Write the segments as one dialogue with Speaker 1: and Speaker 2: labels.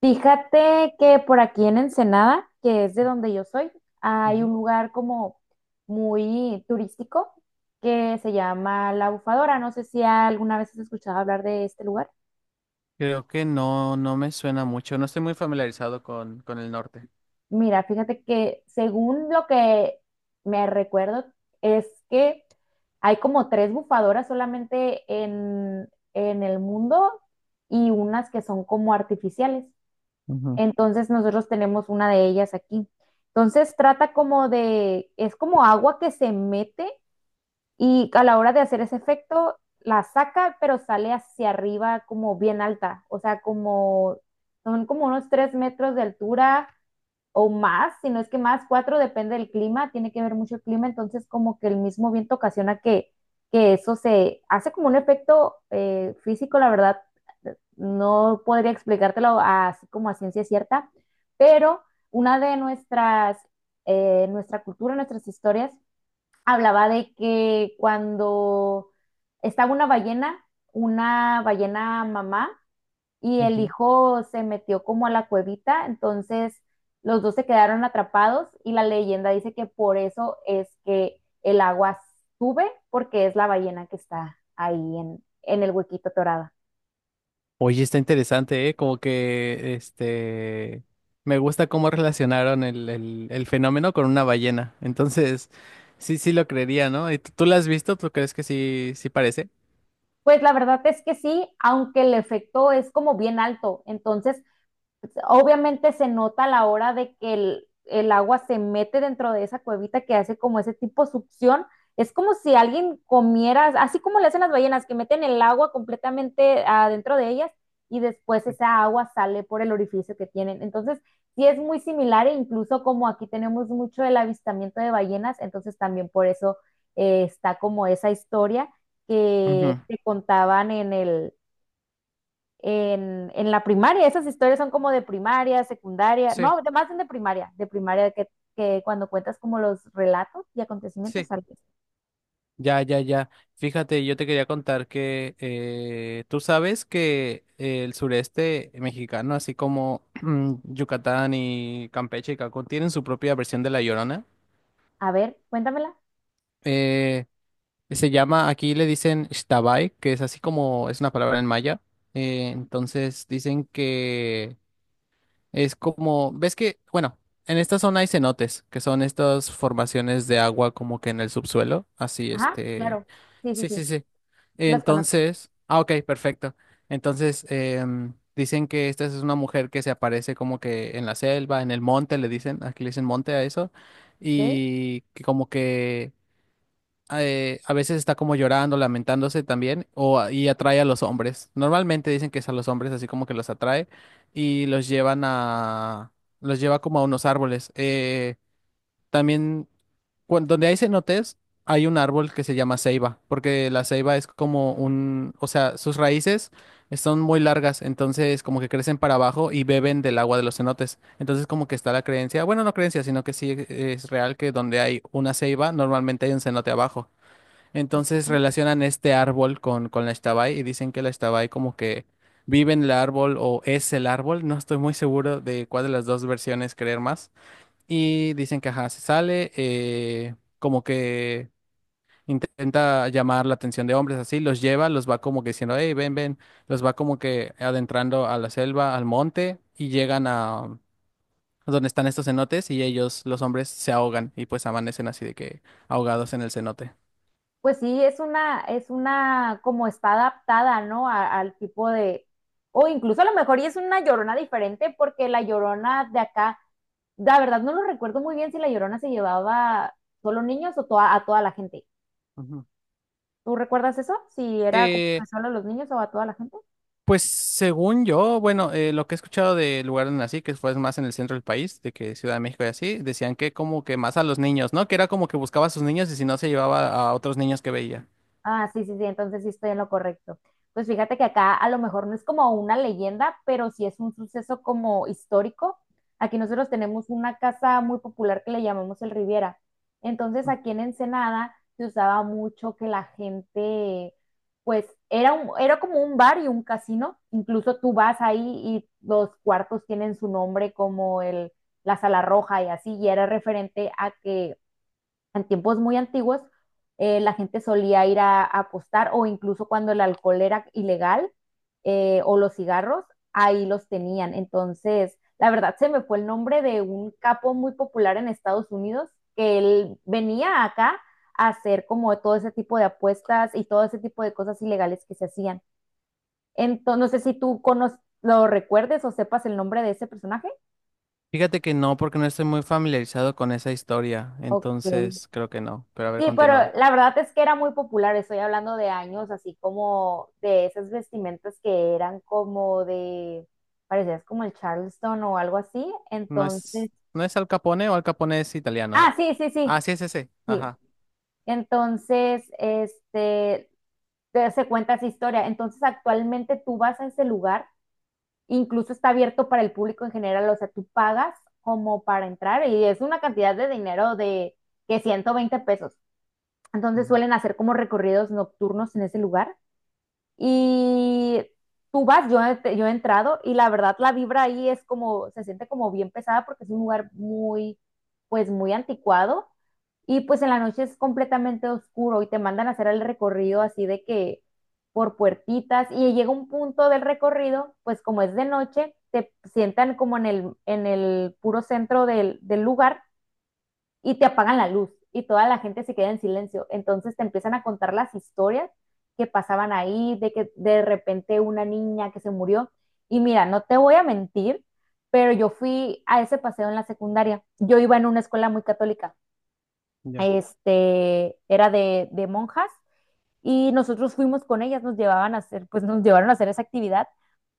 Speaker 1: Fíjate que por aquí en Ensenada, que es de donde yo soy, hay un
Speaker 2: Ujú.
Speaker 1: lugar como muy turístico que se llama La Bufadora. No sé si alguna vez has escuchado hablar de este lugar.
Speaker 2: Creo que no, no me suena mucho. No estoy muy familiarizado con el norte.
Speaker 1: Mira, fíjate que según lo que me recuerdo es que hay como tres bufadoras solamente en el mundo y unas que son como artificiales.
Speaker 2: Ujú,
Speaker 1: Entonces nosotros tenemos una de ellas aquí. Entonces trata como de, es como agua que se mete y a la hora de hacer ese efecto la saca, pero sale hacia arriba como bien alta, o sea, como son como unos 3 metros de altura o más, si no es que más, cuatro depende del clima, tiene que ver mucho el clima, entonces como que el mismo viento ocasiona que eso se hace como un efecto físico, la verdad, no podría explicártelo así como a ciencia cierta, pero una de nuestras, nuestra cultura, nuestras historias, hablaba de que cuando estaba una ballena mamá y el
Speaker 2: ujú.
Speaker 1: hijo se metió como a la cuevita, entonces los dos se quedaron atrapados y la leyenda dice que por eso es que el agua sube, porque es la ballena que está ahí en el huequito torada.
Speaker 2: Oye, está interesante, ¿eh? Como que, este, me gusta cómo relacionaron el fenómeno con una ballena. Entonces, sí, sí lo creería, ¿no? ¿Y tú la has visto? ¿Tú crees que sí, sí parece?
Speaker 1: Pues la verdad es que sí, aunque el efecto es como bien alto, entonces obviamente se nota a la hora de que el agua se mete dentro de esa cuevita que hace como ese tipo de succión. Es como si alguien comiera, así como le hacen las ballenas, que meten el agua completamente adentro de ellas y después
Speaker 2: Sí.
Speaker 1: esa agua sale por el orificio que tienen. Entonces, sí es muy similar e incluso como aquí tenemos mucho el avistamiento de ballenas, entonces también por eso está como esa historia que
Speaker 2: Ujú.
Speaker 1: te contaban en el, en la primaria. Esas historias son como de primaria, secundaria,
Speaker 2: Sí,
Speaker 1: no, de, más de primaria que cuando cuentas como los relatos y acontecimientos
Speaker 2: sí.
Speaker 1: sales.
Speaker 2: Ya, ya, ya. Fíjate, yo te quería contar que tú sabes que el sureste mexicano, así como Yucatán y Campeche y Cancún, tienen su propia versión de La Llorona.
Speaker 1: A ver, cuéntamela.
Speaker 2: Eh, Se llama, aquí le dicen Xtabay, que es así como, es una palabra en maya. Entonces dicen que es como, ves que, bueno, en esta zona hay cenotes, que son estas formaciones de agua como que en el subsuelo, así
Speaker 1: Ajá,
Speaker 2: este,
Speaker 1: claro. Sí, sí,
Speaker 2: sí, sí,
Speaker 1: sí,
Speaker 2: sí.
Speaker 1: las conozco.
Speaker 2: Entonces, ah, ok, perfecto. Entonces, dicen que esta es una mujer que se aparece como que en la selva, en el monte, le dicen, aquí le dicen monte a eso,
Speaker 1: Ok,
Speaker 2: y que como que a veces está como llorando, lamentándose también, o, y atrae a los hombres. Normalmente dicen que es a los hombres, así como que los atrae y los llevan a, los lleva como a unos árboles. También, donde hay cenotes, hay un árbol que se llama ceiba, porque la ceiba es como un, o sea, sus raíces son muy largas, entonces como que crecen para abajo y beben del agua de los cenotes. Entonces como que está la creencia, bueno, no creencia, sino que sí es real que donde hay una ceiba, normalmente hay un cenote abajo.
Speaker 1: ok,
Speaker 2: Entonces
Speaker 1: sí.
Speaker 2: relacionan este árbol con la Ixtabay y dicen que la Ixtabay como que vive en el árbol o es el árbol. No estoy muy seguro de cuál de las dos versiones creer más. Y dicen que ajá, se sale, como que intenta llamar la atención de hombres así, los lleva, los va como que diciendo, hey, ven, los va como que adentrando a la selva, al monte y llegan a donde están estos cenotes y ellos, los hombres, se ahogan y pues amanecen así de que ahogados en el cenote.
Speaker 1: Pues sí, es una, como está adaptada, ¿no? A- al tipo de, o incluso a lo mejor y es una llorona diferente, porque la llorona de acá, la verdad no lo recuerdo muy bien si la llorona se llevaba solo niños o toa- a toda la gente.
Speaker 2: Ujú.
Speaker 1: ¿Tú recuerdas eso? Si era como
Speaker 2: Eh,
Speaker 1: que solo a los niños o a toda la gente.
Speaker 2: Pues según yo, bueno, lo que he escuchado del lugar donde nací, que fue más en el centro del país, de que Ciudad de México y así, decían que como que más a los niños, ¿no? Que era como que buscaba a sus niños y si no se llevaba a otros niños que veía.
Speaker 1: Ah, sí, sí, sí, entonces sí estoy en lo correcto. Pues fíjate que acá a lo mejor no es como una leyenda, pero sí es un suceso como histórico. Aquí nosotros tenemos una casa muy popular que le llamamos el Riviera. Entonces aquí en Ensenada se usaba mucho que la gente, pues era un, era como un bar y un casino. Incluso tú vas ahí y los cuartos tienen su nombre como el, la Sala Roja y así, y era referente a que en tiempos muy antiguos, la gente solía ir a apostar o incluso cuando el alcohol era ilegal o los cigarros, ahí los tenían. Entonces, la verdad se me fue el nombre de un capo muy popular en Estados Unidos que él venía acá a hacer como todo ese tipo de apuestas y todo ese tipo de cosas ilegales que se hacían. Entonces, no sé si tú conoces, lo recuerdes o sepas el nombre de ese personaje.
Speaker 2: Fíjate que no, porque no estoy muy familiarizado con esa historia,
Speaker 1: Ok.
Speaker 2: entonces creo que no, pero a ver,
Speaker 1: Sí, pero
Speaker 2: continúa.
Speaker 1: la verdad es que era muy popular, estoy hablando de años, así como de esas vestimentas que eran como de, parecías como el Charleston o algo así,
Speaker 2: ¿No
Speaker 1: entonces,
Speaker 2: es, no es Al Capone o Al Capone es italiano?
Speaker 1: ah, sí, sí,
Speaker 2: Ah,
Speaker 1: sí,
Speaker 2: sí es ese,
Speaker 1: sí,
Speaker 2: ajá.
Speaker 1: entonces, este, se cuenta esa historia, entonces actualmente tú vas a ese lugar, incluso está abierto para el público en general, o sea, tú pagas como para entrar y es una cantidad de dinero de que 120 pesos, entonces
Speaker 2: Ujú.
Speaker 1: suelen hacer como recorridos nocturnos en ese lugar. Y tú vas, yo he entrado y la verdad la vibra ahí es como, se siente como bien pesada porque es un lugar muy, pues muy anticuado. Y pues en la noche es completamente oscuro y te mandan a hacer el recorrido así de que por puertitas y llega un punto del recorrido, pues como es de noche, te sientan como en el puro centro del, del lugar y te apagan la luz y toda la gente se queda en silencio. Entonces te empiezan a contar las historias que pasaban ahí, de que de repente una niña que se murió. Y mira, no te voy a mentir, pero yo fui a ese paseo en la secundaria. Yo iba en una escuela muy católica,
Speaker 2: Ya.
Speaker 1: este, era de monjas y nosotros fuimos con ellas, nos llevaban a hacer, pues nos llevaron a hacer esa actividad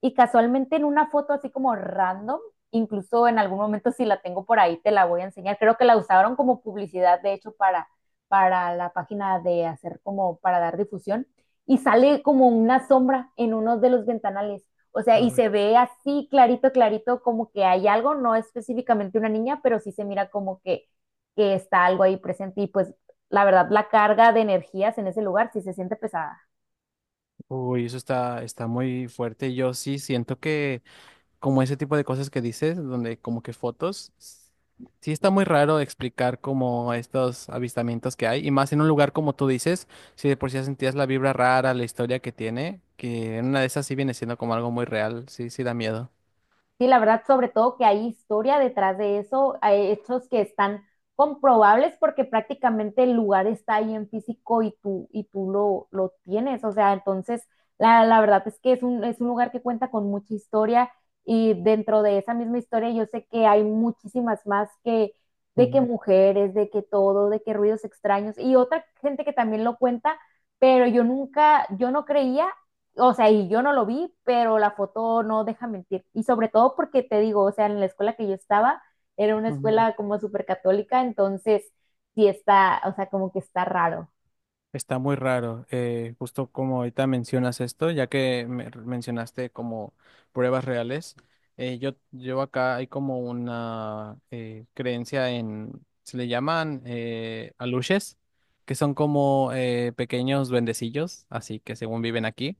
Speaker 1: y casualmente en una foto así como random, incluso en algún momento si la tengo por ahí te la voy a enseñar, creo que la usaron como publicidad de hecho para la página de hacer como para dar difusión y sale como una sombra en uno de los ventanales. O sea, y
Speaker 2: Uy.
Speaker 1: se ve así clarito, clarito, como que hay algo, no específicamente una niña, pero sí se mira como que está algo ahí presente. Y pues la verdad, la carga de energías en ese lugar sí se siente pesada.
Speaker 2: Uy, eso está, está muy fuerte. Yo sí siento que como ese tipo de cosas que dices, donde como que fotos, sí está muy raro explicar como estos avistamientos que hay, y más en un lugar como tú dices, si de por sí ya sentías la vibra rara, la historia que tiene, que en una de esas sí viene siendo como algo muy real, sí, sí da miedo.
Speaker 1: Sí, la verdad, sobre todo que hay historia detrás de eso, hay hechos que están comprobables porque prácticamente el lugar está ahí en físico y tú lo tienes. O sea, entonces, la verdad es que es un lugar que cuenta con mucha historia y dentro de esa misma historia yo sé que hay muchísimas más que de que
Speaker 2: Ujú,
Speaker 1: mujeres, de que todo, de que ruidos extraños y otra gente que también lo cuenta, pero yo nunca, yo no creía, o sea, y yo no lo vi, pero la foto no deja mentir. Y sobre todo porque te digo, o sea, en la escuela que yo estaba, era una
Speaker 2: ujú.
Speaker 1: escuela como súper católica, entonces sí está, o sea, como que está raro.
Speaker 2: Está muy raro, justo como ahorita mencionas esto, ya que mencionaste como pruebas reales, yo acá hay como una creencia en, se le llaman aluches, que son como pequeños duendecillos, así que según viven aquí.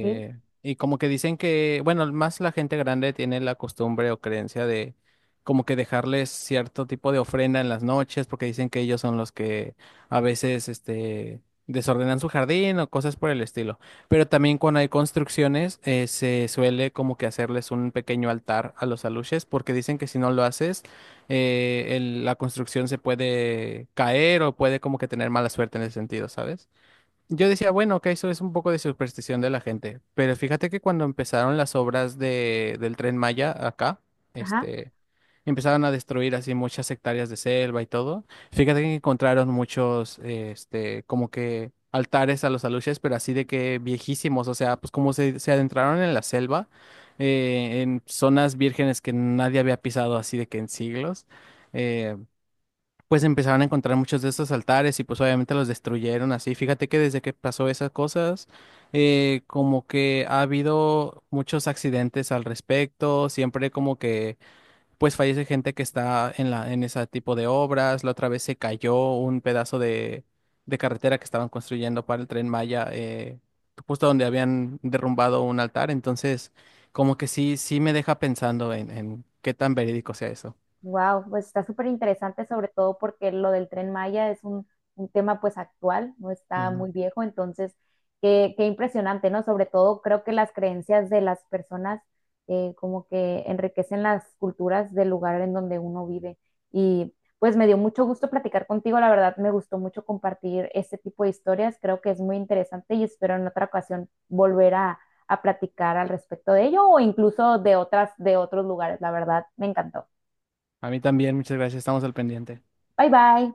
Speaker 1: ¿Sí?
Speaker 2: y como que dicen que, bueno, más la gente grande tiene la costumbre o creencia de como que dejarles cierto tipo de ofrenda en las noches, porque dicen que ellos son los que a veces, este, desordenan su jardín o cosas por el estilo. Pero también cuando hay construcciones, se suele como que hacerles un pequeño altar a los aluches, porque dicen que si no lo haces, la construcción se puede caer o puede como que tener mala suerte en ese sentido, ¿sabes? Yo decía, bueno, que eso es un poco de superstición de la gente, pero fíjate que cuando empezaron las obras de, del Tren Maya acá,
Speaker 1: Ajá.
Speaker 2: este, empezaron a destruir así muchas hectáreas de selva y todo. Fíjate que encontraron muchos, este, como que altares a los aluches, pero así de que viejísimos, o sea, pues como se adentraron en la selva, en zonas vírgenes que nadie había pisado así de que en siglos. eh, pues empezaron a encontrar muchos de estos altares y pues obviamente los destruyeron así. Fíjate que desde que pasó esas cosas, como que ha habido muchos accidentes al respecto, siempre como que pues fallece gente que está en la, en ese tipo de obras. La otra vez se cayó un pedazo de carretera que estaban construyendo para el Tren Maya, justo donde habían derrumbado un altar. Entonces, como que sí, sí me deja pensando en qué tan verídico sea eso.
Speaker 1: Wow, pues está súper interesante, sobre todo porque lo del Tren Maya es un tema pues actual, no está
Speaker 2: Ujú.
Speaker 1: muy viejo, entonces qué, qué impresionante, ¿no? Sobre todo creo que las creencias de las personas como que enriquecen las culturas del lugar en donde uno vive. Y pues me dio mucho gusto platicar contigo, la verdad me gustó mucho compartir este tipo de historias, creo que es muy interesante y espero en otra ocasión volver a platicar al respecto de ello o incluso de otras, de otros lugares, la verdad me encantó.
Speaker 2: A mí también, muchas gracias, estamos al pendiente.
Speaker 1: Bye bye.